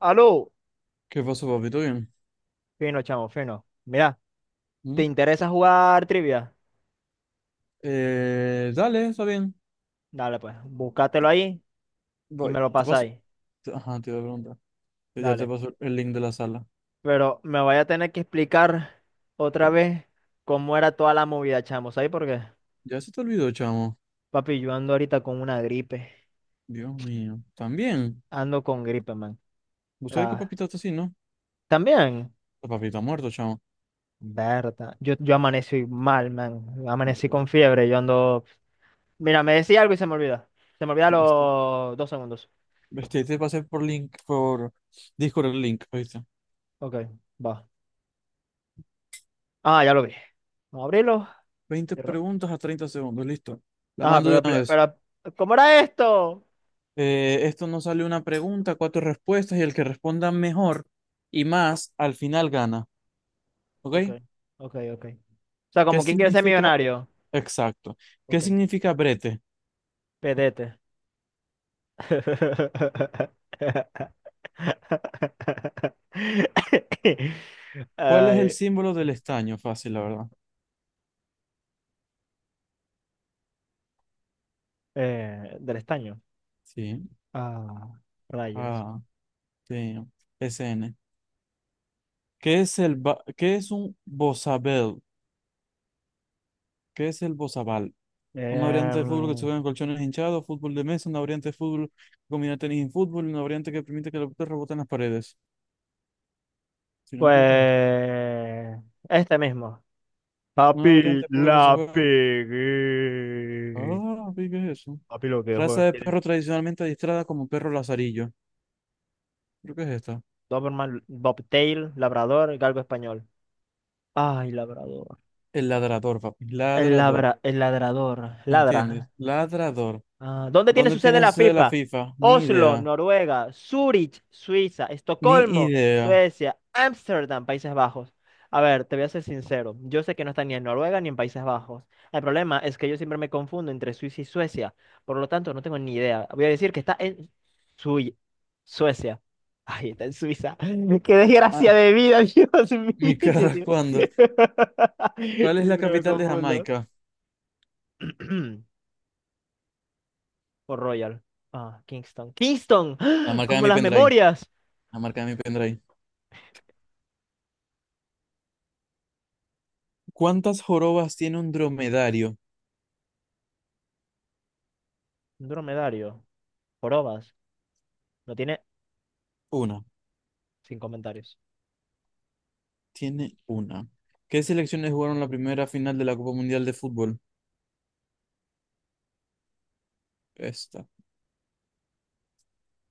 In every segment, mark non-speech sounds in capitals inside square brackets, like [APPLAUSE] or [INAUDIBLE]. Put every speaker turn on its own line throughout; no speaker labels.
Aló,
¿Qué pasó, papi? ¿Todo bien?
fino, chamo, fino. Mira, ¿te
¿Mm?
interesa jugar trivia?
Dale, está bien.
Dale, pues, búscatelo ahí y
Voy.
me lo
Te paso.
pasáis.
Ajá, te iba a preguntar. Yo ya te
Dale.
paso el link de la sala.
Pero me vaya a tener que explicar otra vez cómo era toda la movida, chamo. ¿Sabes por qué?
Ya se te olvidó, chamo.
Papi, yo ando ahorita con una gripe.
Dios mío. También.
Ando con gripe, man.
¿Vos sabés que
Ah,
papita está así, no?
también,
La papita muerto, chamo.
verdad. Yo amanecí mal, man. Amanecí con fiebre. Yo ando. Mira, me decía algo y se me olvida. Se me olvida
Este,
los dos segundos.
Te pasé por link, por Discord el link, ¿viste?
Ok, va. Ah, ya lo vi. Vamos a abrirlo.
20 preguntas a 30 segundos, listo. La
Ajá,
mando de
pero,
una vez.
pero, ¿cómo era esto?
Esto nos sale una pregunta, cuatro respuestas y el que responda mejor y más al final gana. ¿Ok?
Ok, ok, ok. O sea,
¿Qué
como quién quiere ser
significa
millonario.
Exacto. ¿Qué
Ok,
significa brete?
pedete. [LAUGHS]
¿Cuál es el
Ay,
símbolo del estaño? Fácil, la verdad.
del estaño.
Sí.
Ah, rayos.
Ah, sí. S N. ¿Qué es un bozabel? ¿Qué es el bozabal? Una variante de fútbol que se
Em,
juega en colchones hinchados, fútbol de mesa, una variante de fútbol que combina tenis y fútbol, una variante que permite que la pelota rebote en las paredes. Si no me equivoco, es esto.
pues, este mismo.
Una
Papi,
variante de fútbol que se
la
juega.
pegué.
Ah, vi, ¿qué es eso?
Papi, lo que es,
Raza
weón.
de
Tienes
perro tradicionalmente adiestrada como perro lazarillo. Creo que es esta.
Doberman, Bobtail, Labrador, Galgo español. Ay, labrador.
El ladrador, papi.
El
Ladrador.
labra, el ladrador.
¿Entiendes?
Ladra.
Ladrador.
Ah, ¿dónde tiene
¿Dónde
su sede
tienes
la
eso de la
FIFA?
FIFA? Ni
Oslo,
idea.
Noruega, Zurich, Suiza,
Ni
Estocolmo,
idea.
Suecia, Ámsterdam, Países Bajos. A ver, te voy a ser sincero. Yo sé que no está ni en Noruega ni en Países Bajos. El problema es que yo siempre me confundo entre Suiza y Suecia. Por lo tanto, no tengo ni idea. Voy a decir que está en Sui- Suecia. Ay, está en Suiza. [LAUGHS] ¡Qué desgracia
Ah,
de vida, Dios mío!
[LAUGHS] mi
[LAUGHS] Yo
cara,
sí.
¿cuándo?
[LAUGHS]
¿Cuál es la
Siempre me
capital de
confundo.
Jamaica?
[CLEARS THROAT] O Royal. Ah, Kingston. ¡Kingston!
La
¡Ah!
marca de
¡Como
mi
las
pendrive.
memorias!
La marca de mi pendrive. ¿Cuántas jorobas tiene un dromedario?
Un dromedario. Jorobas. No tiene,
Una.
sin comentarios.
Tiene una. ¿Qué selecciones jugaron la primera final de la Copa Mundial de Fútbol? Esta.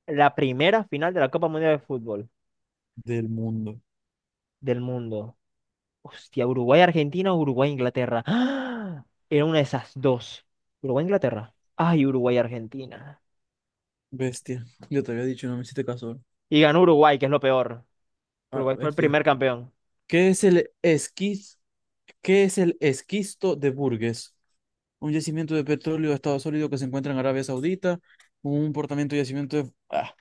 La primera final de la Copa Mundial de Fútbol
Del mundo.
del mundo. Hostia, Uruguay-Argentina o Uruguay-Inglaterra. ¡Ah! Era una de esas dos. Uruguay-Inglaterra. Ay, Uruguay-Argentina.
Bestia. Yo te había dicho, no me hiciste caso.
Y ganó Uruguay, que es lo peor.
A la
Uruguay fue el
bestia.
primer campeón.
¿Qué es el esquiz? ¿Qué es el esquisto de Burgess? Un yacimiento de petróleo de estado sólido que se encuentra en Arabia Saudita, un portamiento de yacimiento de... ah,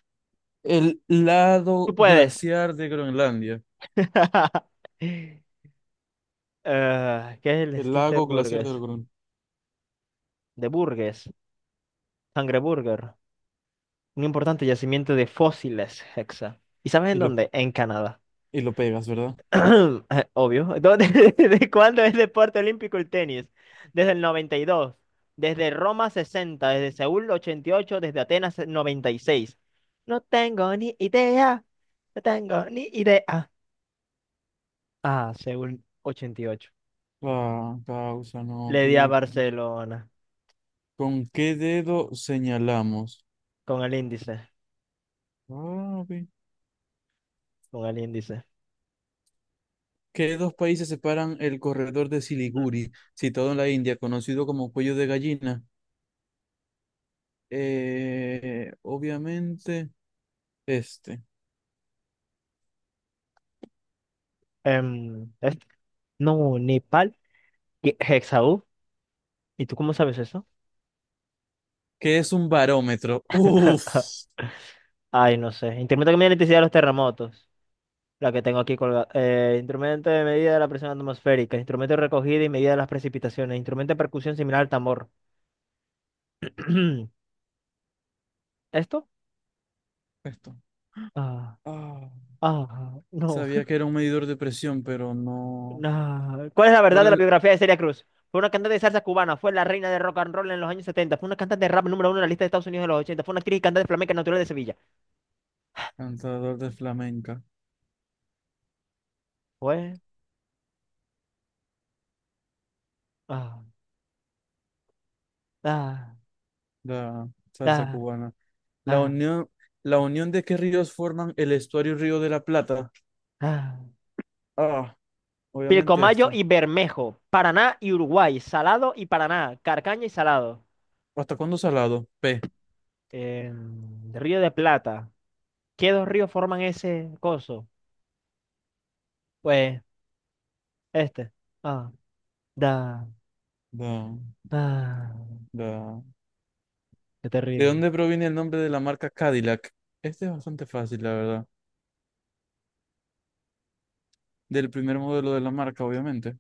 el
Tú
lado
puedes.
glaciar de Groenlandia,
[LAUGHS] ¿Qué es el
el
esquiste de
lago glaciar de
Burgess?
Groenlandia.
De Burgess. Sangre Burger. Un importante yacimiento de fósiles, Hexa. ¿Y sabes en
Y lo,
dónde? En Canadá. [CLEARS THROAT]
y lo pegas, ¿verdad?
Obvio. ¿Dónde? [LAUGHS] ¿Desde cuándo es deporte olímpico el tenis? Desde el 92, desde Roma 60, desde Seúl 88, desde Atenas 96. No tengo ni idea, no tengo ni idea. Ah, Seúl 88.
La causa, no,
Le di
pi,
a
pi.
Barcelona.
¿Con qué dedo señalamos?
Con el índice,
Ah, pi.
con el índice.
¿Qué dos países separan el corredor de
Mm.
Siliguri, situado en la India, conocido como cuello de gallina? Obviamente, este.
Em, es- no, Nepal, y Hexaú. ¿Y tú cómo sabes eso?
¿Qué es un barómetro? Uf.
[LAUGHS] Ay, no sé. Instrumento que mide la intensidad de los terremotos. La que tengo aquí colgada. Instrumento de medida de la presión atmosférica. Instrumento de recogida y medida de las precipitaciones. Instrumento de percusión similar al tambor. [CLEARS THROAT] ¿Esto?
Esto.
Ah,
Ah,
ah, no.
sabía que era un medidor de presión, pero
[LAUGHS]
no.
Nah. ¿Cuál es la verdad
¿Cuál
de
es
la
el
biografía de Celia Cruz? Fue una cantante de salsa cubana, fue la reina de rock and roll en los años setenta, fue una cantante de rap número uno en la lista de Estados Unidos de los ochenta, fue una actriz y cantante flamenca natural de Sevilla.
cantador de flamenca?
Fue... Ah, ah,
La salsa
ah,
cubana. La
ah,
unión, la unión de qué ríos forman el estuario Río de la Plata.
ah. Ah.
Ah, obviamente
Pilcomayo
esto.
y Bermejo, Paraná y Uruguay, Salado y Paraná, Carcaña y Salado.
¿Hasta cuándo salado? P.
Eh, Río de Plata. ¿Qué dos ríos forman ese coso? Pues este. Ah, da.
Da,
Ah,
da.
qué
¿De
terrible.
dónde proviene el nombre de la marca Cadillac? Este es bastante fácil, la verdad. Del primer modelo de la marca, obviamente.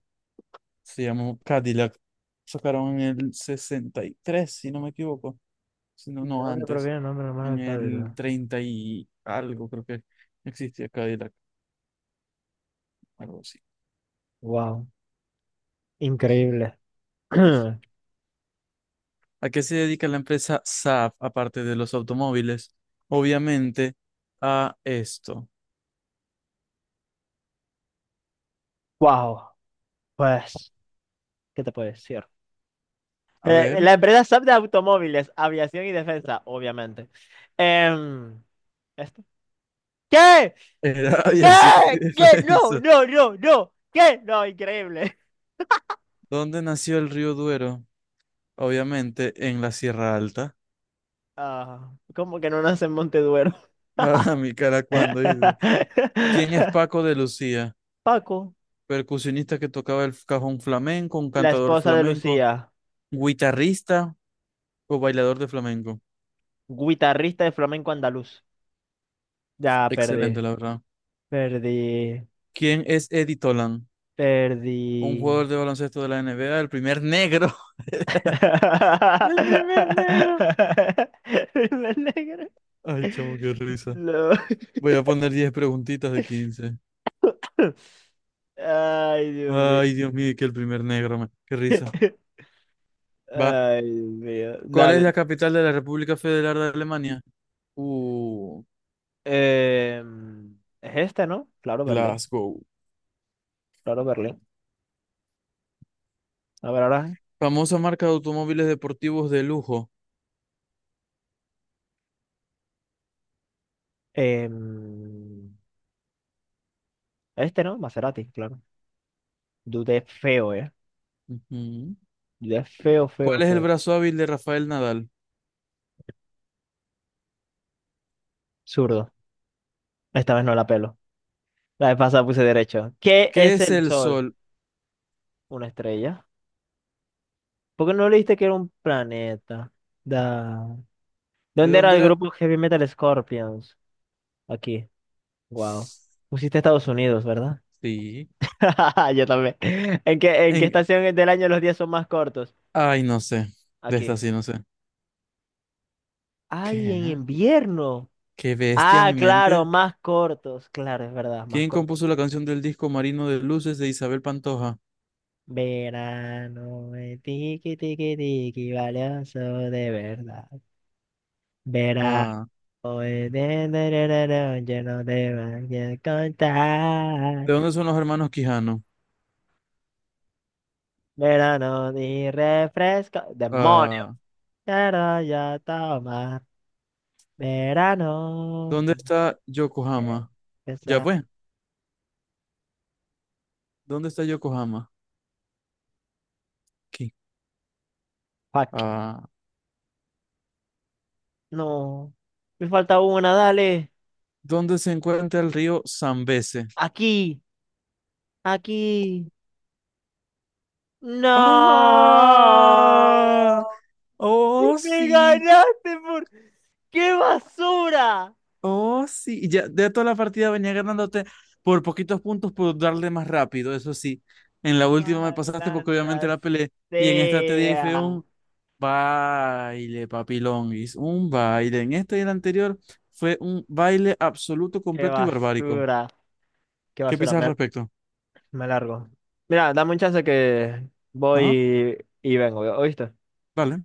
Se llamó Cadillac. Sacaron en el 63, si no me equivoco. Sino
¿De
no no,
dónde
antes,
proviene el nombre romano
en
de
el
Cálida?
30 y algo, creo que existía Cadillac, algo así.
Wow,
Ij,
increíble.
ij.
[CLEARS THROAT]
¿A qué se dedica la empresa Saab, aparte de los automóviles? Obviamente a esto.
Wow, pues, ¿qué te puedo decir?
A ver,
La empresa SAP de automóviles, aviación y defensa, obviamente. Em, ¿Esto? ¿Qué?
era [LAUGHS]
¿Qué?
aviación y
¿Qué? No,
defensa.
no, no, no. ¿Qué? No, increíble.
¿Dónde nació el río Duero? Obviamente en la Sierra Alta.
Ah, ¿cómo que no nace en Monteduero?
[LAUGHS] A mi cara cuando dice.
[LAUGHS]
¿Quién es Paco de Lucía?
Paco,
Percusionista que tocaba el cajón flamenco, un
la
cantador
esposa de
flamenco,
Lucía,
guitarrista, o bailador de flamenco.
guitarrista de flamenco andaluz. Ya
Excelente,
perdí,
la verdad.
perdí,
¿Quién es Eddie Tolan? Un
perdí.
jugador de baloncesto de la NBA, el primer negro. [LAUGHS] El primer negro.
[LAUGHS] Me alegro.
Ay, chamo, qué risa.
No. [LAUGHS]
Voy a poner 10 preguntitas de 15.
Ay, Dios mío.
Ay, Dios mío, que el primer negro, man. Qué risa. Va.
Ay, Dios mío.
¿Cuál es
Dale.
la capital de la República Federal de Alemania? Uh,
Em, es este, ¿no? Claro, Berlín.
Glasgow.
Claro, Berlín. A ver, ahora.
Famosa marca de automóviles deportivos de lujo.
em, este, ¿no? Maserati, claro. Dudé feo, ¿eh?
Ujú.
Dudé feo, feo,
¿Cuál es el
feo.
brazo hábil de Rafael Nadal?
Zurdo. Esta vez no la pelo. La vez pasada puse derecho. ¿Qué
¿Qué
es
es
el
el
sol?
sol?
Una estrella. ¿Por qué no leíste que era un planeta? Da.
¿De
¿Dónde era el
dónde
grupo Heavy Metal Scorpions? Aquí.
era?
Wow. Pusiste Estados Unidos, ¿verdad?
Sí.
[LAUGHS] Yo también. ¿En qué
En...
estación del año los días son más cortos?
Ay, no sé. De esta
Aquí.
sí, no sé.
Ay, en
¿Qué?
invierno.
Qué bestia
Ah,
mi
claro,
mente.
más cortos. Claro, es verdad, más
¿Quién
cortos.
compuso la canción del disco Marino de Luces de Isabel Pantoja?
Verano, tiki tiki tiki, valioso de verdad.
Ah,
Verano, yo no te voy a contar.
¿de dónde son los hermanos Quijano?
Verano, ni refresco. ¡Demonio!
Ah,
Quiero yo tomar. Verano,
¿dónde está
porque
Yokohama? Ya
esa-
pues, ¿dónde está Yokohama? Aquí.
Fuck.
Ah,
No. Me falta una, dale.
¿dónde se encuentra el río Zambeze?
Aquí, aquí. No,
¡Ah! ¡Oh,
me
sí!
ganaste por... ¡Qué basura!
Oh, sí, y ya de toda la partida venía ganándote por poquitos puntos por darle más rápido, eso sí. En la última me pasaste porque obviamente
Malandra
la peleé y en esta te dije
sea.
un baile, papilonguis, un baile. En esta y en anterior fue un baile absoluto,
¡Qué
completo y barbárico.
basura! ¡Qué
¿Qué
basura!
piensas al respecto?
Me largo. Mira, dame un chance que
Ajá,
voy y vengo, ¿oíste?
vale.